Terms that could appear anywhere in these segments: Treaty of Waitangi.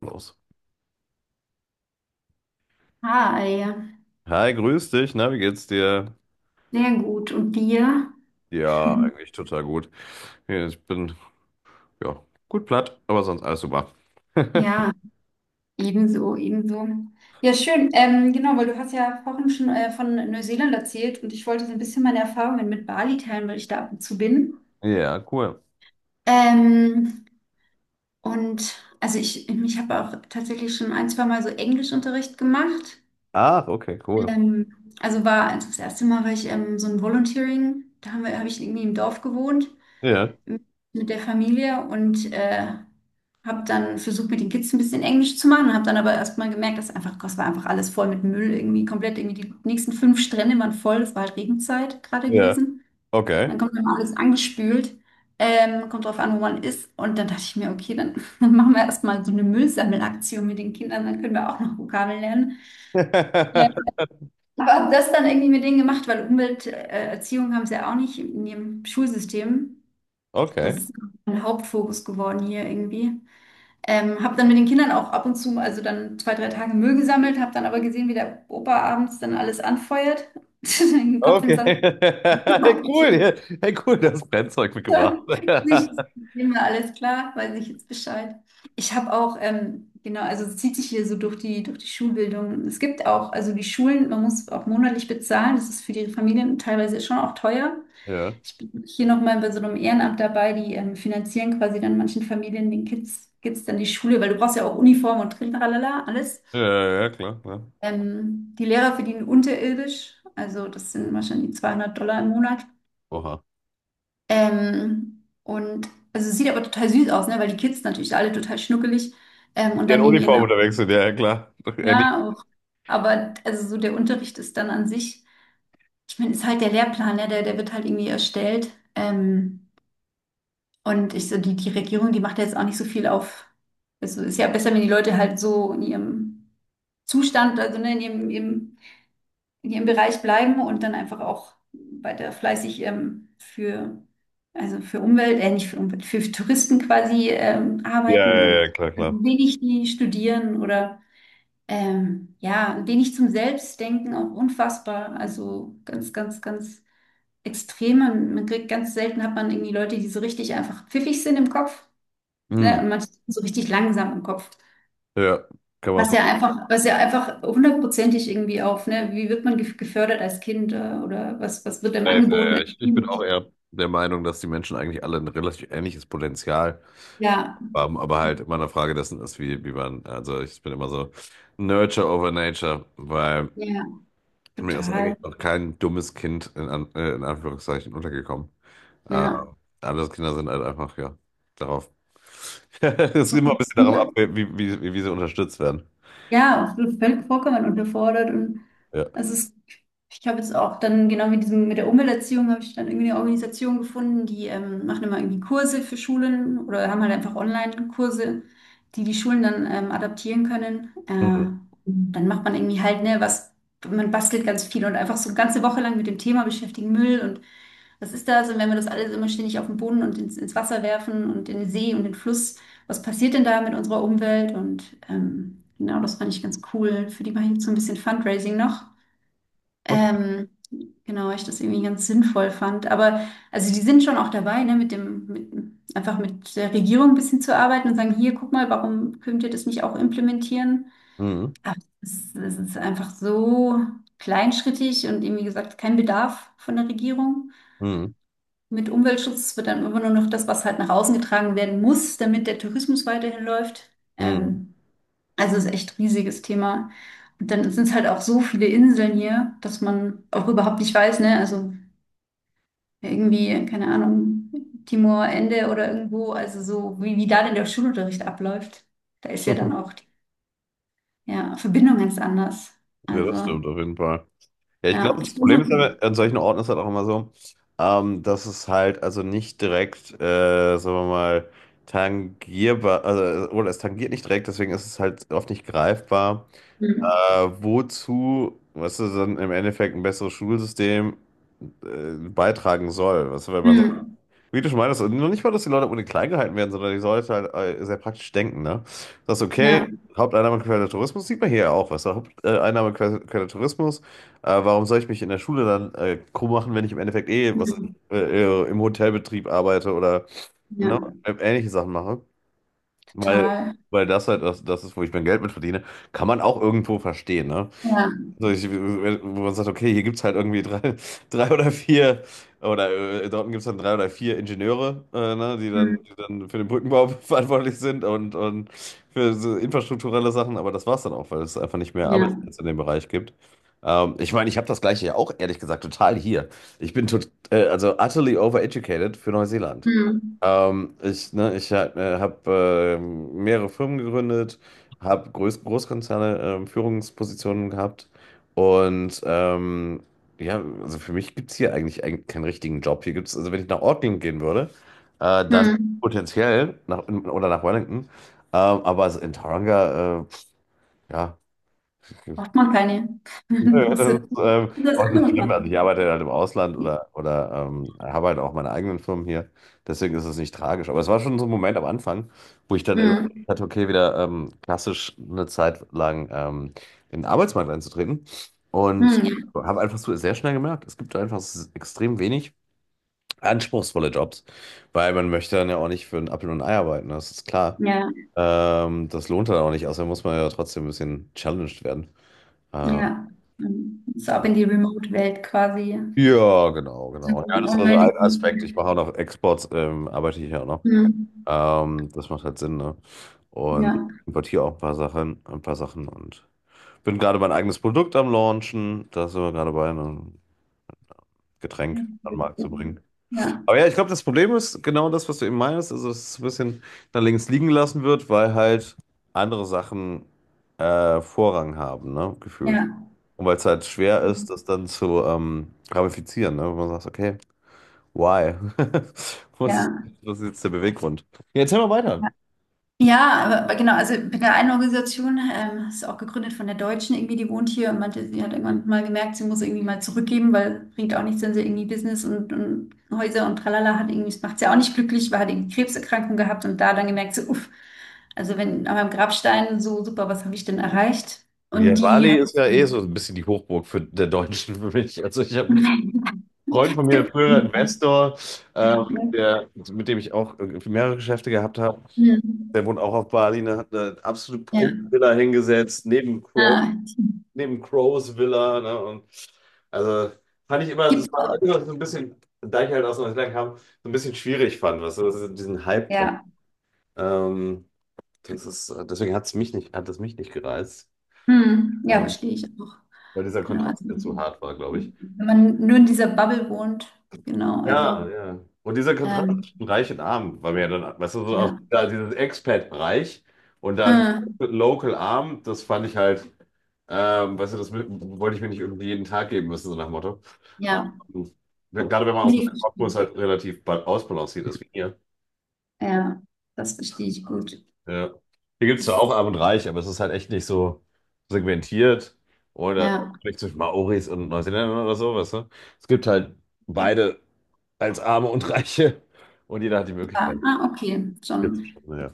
Los. Ah, ja, Hi, grüß dich. Na, wie geht's dir? sehr gut. Und dir? Ja, eigentlich total gut. Ja, Ich bin, ja, gut platt, aber sonst alles super. Ja, ebenso, ebenso. Ja, schön. Genau, weil du hast ja vorhin schon von Neuseeland erzählt und ich wollte so ein bisschen meine Erfahrungen mit Bali teilen, weil ich da ab und zu bin. Ja, cool. Ähm, und also ich habe auch tatsächlich schon ein, zwei Mal so Englischunterricht gemacht. Ach, okay, cool. Also das erste Mal war ich so ein Volunteering, da habe ich irgendwie im Dorf gewohnt Ja, mit der Familie und habe dann versucht, mit den Kids ein bisschen Englisch zu machen und habe dann aber erstmal gemerkt, dass einfach, das war einfach alles voll mit Müll, irgendwie komplett, irgendwie die nächsten fünf Strände waren voll, es war halt Regenzeit gerade ja, gewesen. okay. Dann kommt immer alles angespült, kommt drauf an, wo man ist, und dann dachte ich mir, okay, dann, dann machen wir erstmal so eine Müllsammelaktion mit den Kindern, dann können wir auch noch Vokabeln lernen. Ja. Aber habe das dann irgendwie mit denen gemacht, weil Umwelterziehung Erziehung haben sie ja auch nicht in ihrem Schulsystem. Das Okay. ist mein Hauptfokus geworden hier irgendwie. Habe dann mit den Kindern auch ab und zu, also dann zwei, drei Tage Müll gesammelt, habe dann aber gesehen, wie der Opa abends dann alles anfeuert, den Kopf in den Okay. Sand Hey, cool, gesteckt. ja. Hey, cool, das Brennzeug mitgebracht. Ich nehme alles klar, weiß ich jetzt Bescheid. Ich habe auch, genau, also es zieht sich hier so durch die Schulbildung. Es gibt auch, also die Schulen, man muss auch monatlich bezahlen. Das ist für die Familien teilweise schon auch teuer. Ja, Ich bin hier nochmal bei so einem Ehrenamt dabei, die finanzieren quasi dann manchen Familien, den Kids dann die Schule, weil du brauchst ja auch Uniform und Trintralala, alles. ja, ja, klar. Die Lehrer verdienen unterirdisch, also das sind wahrscheinlich 200 Dollar im Monat. Oha. Und also es sieht aber total süß aus, ne? Weil die Kids natürlich alle total schnuckelig und Ja, in dann in ihren Uniform Augen. unterwegs sind, ja, ja, klar. Ähnlich. Ja, auch. Aber also so der Unterricht ist dann an sich, ich meine, ist halt der Lehrplan, ne? Der wird halt irgendwie erstellt. Und ich so, die Regierung, die macht ja jetzt auch nicht so viel auf. Also ist ja besser, wenn die Leute halt so in ihrem Zustand, also ne, in ihrem Bereich bleiben und dann einfach auch weiter fleißig für, also für Umwelt, nicht für Umwelt, für Touristen quasi Ja, arbeiten ja, und ja, klar, ein klar. wenig die studieren oder ja, ein wenig zum Selbstdenken, auch unfassbar. Also ganz, ganz, ganz extrem. Man kriegt ganz selten hat man irgendwie Leute, die so richtig einfach pfiffig sind im Kopf, Hm. ne? Und manche sind so richtig langsam im Kopf. Ja, kann man. Was ja einfach hundertprozentig irgendwie auf, ne? Wie wird man gefördert als Kind, oder was wird einem Safe. angeboten äh, Ich, als ich bin Kind? auch eher der Meinung, dass die Menschen eigentlich alle ein relativ ähnliches Potenzial Ja, haben, aber halt immer eine Frage dessen ist, wie man, also ich bin immer so Nurture over Nature, weil ja, mir ist eigentlich total. noch kein dummes Kind in Anführungszeichen untergekommen. Äh, Ja. Andere Kinder sind halt einfach, ja, darauf. Es ist immer ein bisschen darauf ab, Und, wie sie unterstützt werden. ja, absolut völlig vollkommen unterfordert. Und Ja. also es, ich habe jetzt auch dann genau mit diesem, mit der Umwelterziehung habe ich dann irgendwie eine Organisation gefunden, die machen immer irgendwie Kurse für Schulen oder haben halt einfach Online-Kurse, die die Schulen dann adaptieren können. Mhm. Dann macht man irgendwie halt, ne, was, man bastelt ganz viel und einfach so eine ganze Woche lang mit dem Thema beschäftigen, Müll und was ist das? Und wenn wir das alles immer ständig auf den Boden und ins Wasser werfen und in den See und den Fluss, was passiert denn da mit unserer Umwelt? Und genau, das fand ich ganz cool. Für die mache ich jetzt so ein bisschen Fundraising noch. Okay. Ähm, genau, weil ich das irgendwie ganz sinnvoll fand. Aber also die sind schon auch dabei, ne, mit dem, mit, einfach mit der Regierung ein bisschen zu arbeiten und sagen, hier, guck mal, warum könnt ihr das nicht auch implementieren? Mhm. Aber es ist einfach so kleinschrittig und eben, wie gesagt, kein Bedarf von der Regierung. Mhm. Mit Umweltschutz wird dann immer nur noch das, was halt nach außen getragen werden muss, damit der Tourismus weiterhin läuft. Mhm. Ähm, also es ist echt ein riesiges Thema. Und dann sind es halt auch so viele Inseln hier, dass man auch überhaupt nicht weiß, ne? Also irgendwie, keine Ahnung, Timor, Ende oder irgendwo, also so, wie da denn der Schulunterricht abläuft. Da ist ja dann auch die, ja, Verbindung ganz anders. Ja, das Also, stimmt auf jeden Fall. Ja, ich ja, glaube, ich das bin so. Problem ist aber, an solchen Orten ist halt auch immer so, dass es halt also nicht direkt, sagen wir mal, tangierbar, also, oder es tangiert nicht direkt, deswegen ist es halt oft nicht greifbar. Hm. Wozu, was weißt du, dann im Endeffekt ein besseres Schulsystem beitragen soll. Was, wenn man sagt, Hm. wie du schon meintest, und nicht mal, dass die Leute ohne klein gehalten werden, sondern die Leute halt sehr praktisch denken, ne? Das ist Ja, okay, Haupteinnahmequelle Tourismus sieht man hier ja auch, was du? Haupteinnahmequelle Tourismus, warum soll ich mich in der Schule dann krumm machen, wenn ich im Endeffekt eh was hm. äh, im Hotelbetrieb arbeite oder ne, Ja, ähnliche Sachen mache? Weil, total. weil das halt das, das ist, wo ich mein Geld mit verdiene, kann man auch irgendwo verstehen, ne? Ja, So, ich, wo man sagt, okay, hier gibt es halt irgendwie drei, drei oder vier, oder in Dortmund gibt es dann drei oder vier Ingenieure, ne, die dann, hm. die dann für den Brückenbau verantwortlich sind und für so infrastrukturelle Sachen, aber das war es dann auch, weil es einfach nicht mehr Ja. Arbeitsplätze in dem Bereich gibt. Ich meine, ich habe das Gleiche ja auch, ehrlich gesagt, total hier. Ich bin tot, also utterly overeducated für Neuseeland. Hm. Ich habe mehrere Firmen gegründet, habe Großkonzerne Führungspositionen gehabt und ja, also für mich gibt es hier eigentlich keinen richtigen Job. Hier gibt's, also wenn ich nach Auckland gehen würde, dann Hm. potenziell nach, oder nach Wellington, aber also in Tauranga, ja. Braucht man keine Nö, das große. ist Das auch kann nicht man schlimm. Also ich machen. arbeite halt im Ausland Hm. Oder habe halt auch meine eigenen Firmen hier. Deswegen ist es nicht tragisch. Aber es war schon so ein Moment am Anfang, wo ich dann Hm. überlegt hatte, okay, wieder klassisch eine Zeit lang in den Arbeitsmarkt einzutreten. Und Ja. habe einfach so sehr schnell gemerkt, es gibt einfach extrem wenig anspruchsvolle Jobs, weil man möchte dann ja auch nicht für einen Apfel und ein Ei arbeiten, das ist klar. Ja, Das lohnt dann auch nicht, außerdem muss man ja trotzdem ein bisschen challenged werden. Äh, ja. Mhm. So ab ja. in die Remote-Welt quasi. Ja, genau. Ja, Mhm. das ist Ja. also Online. ein Aspekt. Ich mache auch noch Exports, arbeite ich ja auch noch. Mhm. Das macht halt Sinn, ne? Und Ja. importiere auch ein paar Sachen und bin gerade mein eigenes Produkt am Launchen. Da sind wir gerade bei einem Getränk an den Markt zu bringen. Ja. Aber ja, ich glaube, das Problem ist genau das, was du eben meinst, also dass es ein bisschen da links liegen gelassen wird, weil halt andere Sachen Vorrang haben, ne? Gefühlt. Ja. Und weil es halt schwer ist, das dann zu ramifizieren, ne? Wenn man sagt, okay. Why? Was ist, Ja. was ist jetzt der Beweggrund? Ja, erzähl mal weiter. Ja. Ja, aber genau, also bei der einen Organisation, ist auch gegründet von der Deutschen irgendwie, die wohnt hier und meinte, sie hat irgendwann mal gemerkt, sie muss irgendwie mal zurückgeben, weil bringt auch nichts, wenn sie irgendwie Business und Häuser und tralala hat, irgendwie, das macht sie auch nicht glücklich, weil hat irgendwie Krebserkrankung gehabt und da dann gemerkt, so, uff, also wenn an meinem Grabstein so super, was habe ich denn erreicht? Ja, Und die Bali hat ist ja eh so ein bisschen die Hochburg für der Deutschen für mich. Also ich habe einen Freund von mir, früherer Investor, der, mit dem ich auch mehrere Geschäfte gehabt habe. Ja. Der wohnt auch auf Bali, ne, hat eine absolute Ja. Prunkvilla hingesetzt, Ah, neben Crows Villa. Ne, und also fand ich immer, das gibt's war auch. immer so ein bisschen, da ich halt aus Neuseeland kam, so ein bisschen schwierig fand, was weißt diesen Hype drum. Ja. Ähm, Das ist, deswegen hat es mich nicht gereizt, Hm. Ja, ähm, verstehe ich auch. weil dieser Genau, also Kontrast mir zu hart war, glaube ich. wenn man nur in dieser Bubble wohnt, genau, Ja, also ja. Und dieser Kontrast ähm, zwischen Reich und Arm war mir dann, weißt du, so auch ja. da dieses Expat-Reich und dann Äh, Local Arm, das fand ich halt, weißt du, das wollte ich mir nicht irgendwie jeden Tag geben müssen, so nach dem Motto. ja, Ähm, gerade wenn man aus dem nee, verstehe Kopf, ich. halt relativ ausbalanciert ist, wie hier. Ja, das verstehe ich gut. Ja. Hier gibt es zwar Ist, auch arm und reich, aber es ist halt echt nicht so segmentiert oder ja, vielleicht zwischen Maoris und Neuseeländern oder so, weißt du? Es gibt halt beide als Arme und Reiche und jeder hat die ja, Möglichkeit ah, okay, hier zu. schon. Ja,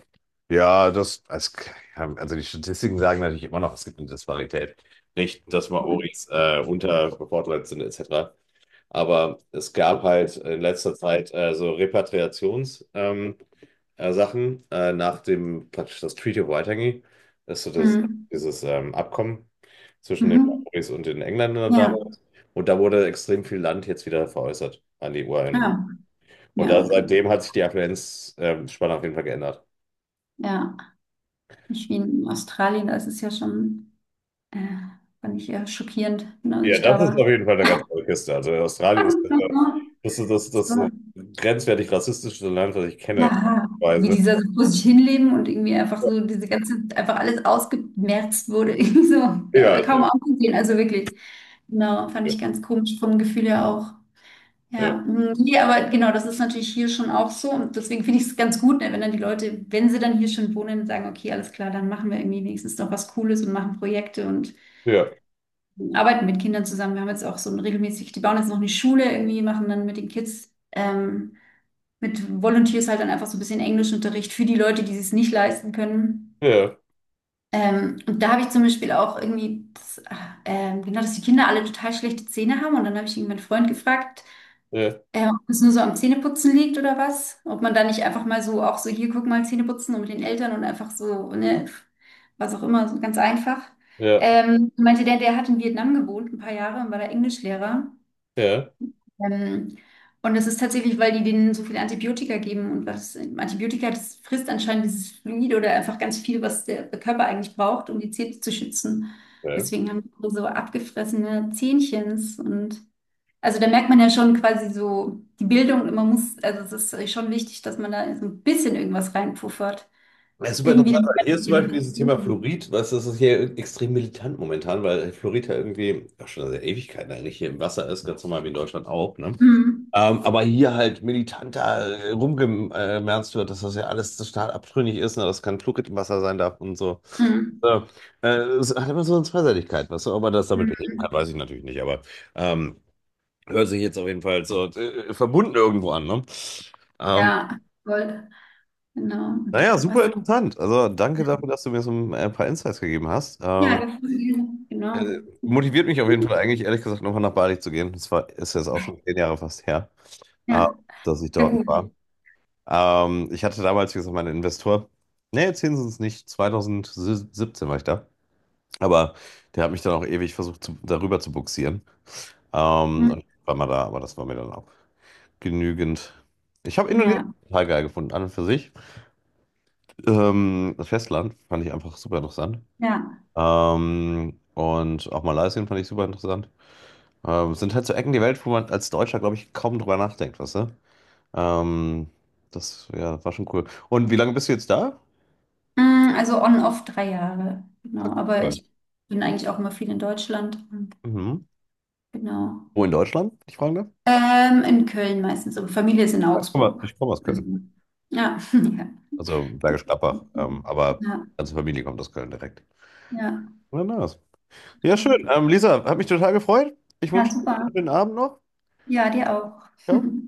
ja das, als, also die Statistiken sagen natürlich immer noch, es gibt eine Disparität. Nicht, dass Maoris unterbevorteilt sind, etc. Aber es gab halt in letzter Zeit so Repatriations, Sachen nach dem praktisch das Treaty of Waitangi, das ist so das, Mhm. dieses Abkommen zwischen den Mhm. Maoris und den Engländern Ja, damals. Und da wurde extrem viel Land jetzt wieder veräußert an die Ureinwohner. ja, Und ja, da, okay. seitdem hat sich die Affluenzspanne auf jeden Fall geändert. Ja, nicht wie in Australien, da ist es ja schon, äh, fand ich ja schockierend, ne, als Ja, ich das da ist auf war. jeden Fall eine ganz andere Kiste. Also Australien ist Das das so war grenzwertig rassistischste Land, was ich kenne. aha. Wie Weise. dieser so vor sich hinleben und irgendwie einfach so diese ganze, einfach alles ausgemerzt wurde, irgendwie so, Ja, ja, ist kaum halt- aufzusehen, also wirklich. Genau, fand ja. ich ganz komisch vom Gefühl her auch. Ja. Ja, mm, nee, aber genau, das ist natürlich hier schon auch so und deswegen finde ich es ganz gut, ne, wenn dann die Leute, wenn sie dann hier schon wohnen, sagen, okay, alles klar, dann machen wir irgendwie wenigstens noch was Cooles und machen Projekte und Ja, arbeiten mit Kindern zusammen. Wir haben jetzt auch so ein regelmäßig, die bauen jetzt noch eine Schule irgendwie, machen dann mit den Kids. Mit Volunteers halt dann einfach so ein bisschen Englischunterricht für die Leute, die es nicht leisten können. ja, Und da habe ich zum Beispiel auch irgendwie, das, genau, dass die Kinder alle total schlechte Zähne haben. Und dann habe ich irgendwann einen Freund gefragt, ja, ob es nur so am Zähneputzen liegt oder was. Ob man da nicht einfach mal so, auch so hier, guck mal, Zähneputzen und mit den Eltern und einfach so, ne, was auch immer, so ganz einfach. ja, Meinte der, der hat in Vietnam gewohnt, ein paar Jahre und war da Englischlehrer. ja. Ähm, und das ist tatsächlich, weil die denen so viele Antibiotika geben und was Antibiotika, das frisst anscheinend dieses Fluid oder einfach ganz viel, was der Körper eigentlich braucht, um die Zähne zu schützen. Ja. Deswegen haben die so abgefressene Zähnchens und also da merkt man ja schon quasi so die Bildung, man muss, also es ist schon wichtig, dass man da so ein bisschen irgendwas reinpuffert. Das ist super Irgendwie interessant, dann weil hier ist zum Beispiel dieses Thema Generation. Fluorid, was das ist hier extrem militant momentan, weil Fluorid ja irgendwie auch schon seit Ewigkeiten eigentlich hier im Wasser ist, ganz normal wie in Deutschland auch, ne? Mhm. Aber hier halt militanter rumgemerzt wird, dass das ja alles total abtrünnig ist, ne? Dass kein Fluorid im Wasser sein darf und so. Mhm. Äh, äh, Es hat immer so eine Zweiseitigkeit, weißt du, ob man das damit beheben kann, Mhm. weiß ich natürlich nicht, aber ähm, hört sich jetzt auf jeden Fall so verbunden irgendwo an, ne? Ähm, Ja, voll. Genau. Und naja, super was? interessant. Also danke dafür, dass du mir so ein paar Insights gegeben hast. Ja, das ist, genau. Motiviert mich auf jeden Fall eigentlich, ehrlich gesagt, nochmal nach Bali zu gehen. Das war, ist jetzt auch schon 10 Jahre fast her, äh, Ja, dass ich ja dort gut. war. Ich hatte damals, wie gesagt, meinen Investor. Nee, zehn sind es nicht. 2017 war ich da. Aber der hat mich dann auch ewig versucht, zu, darüber zu bugsieren. Hm, Und war mal da, aber das war mir dann auch genügend. Ich habe Indonesien ja, total geil gefunden, an und für sich. Das Festland fand ich einfach super interessant. ja. Und auch Malaysia fand ich super interessant. Es sind halt so Ecken der Welt, wo man als Deutscher, glaube ich, kaum drüber nachdenkt, weißt du? Ähm, das ja, war schon cool. Und wie lange bist du jetzt da? Hm, also on-off drei Jahre. Ah, Genau. Aber cool. ich bin eigentlich auch immer viel in Deutschland. Und Mhm. genau. Wo in Deutschland, wenn ich fragen darf? In Köln meistens. Aber Familie ist in Ah, Ich komme, Augsburg. ich komme aus Also, Köln. ja, ja. Also Bergisch Gladbach. Aber Ja, ganze Familie kommt aus Köln direkt. ja, Na, nice. Ja, schön. doch. Lisa, hat mich total gefreut. Ich Ja, wünsche dir super. einen schönen Abend noch. Ja, dir auch. Ciao.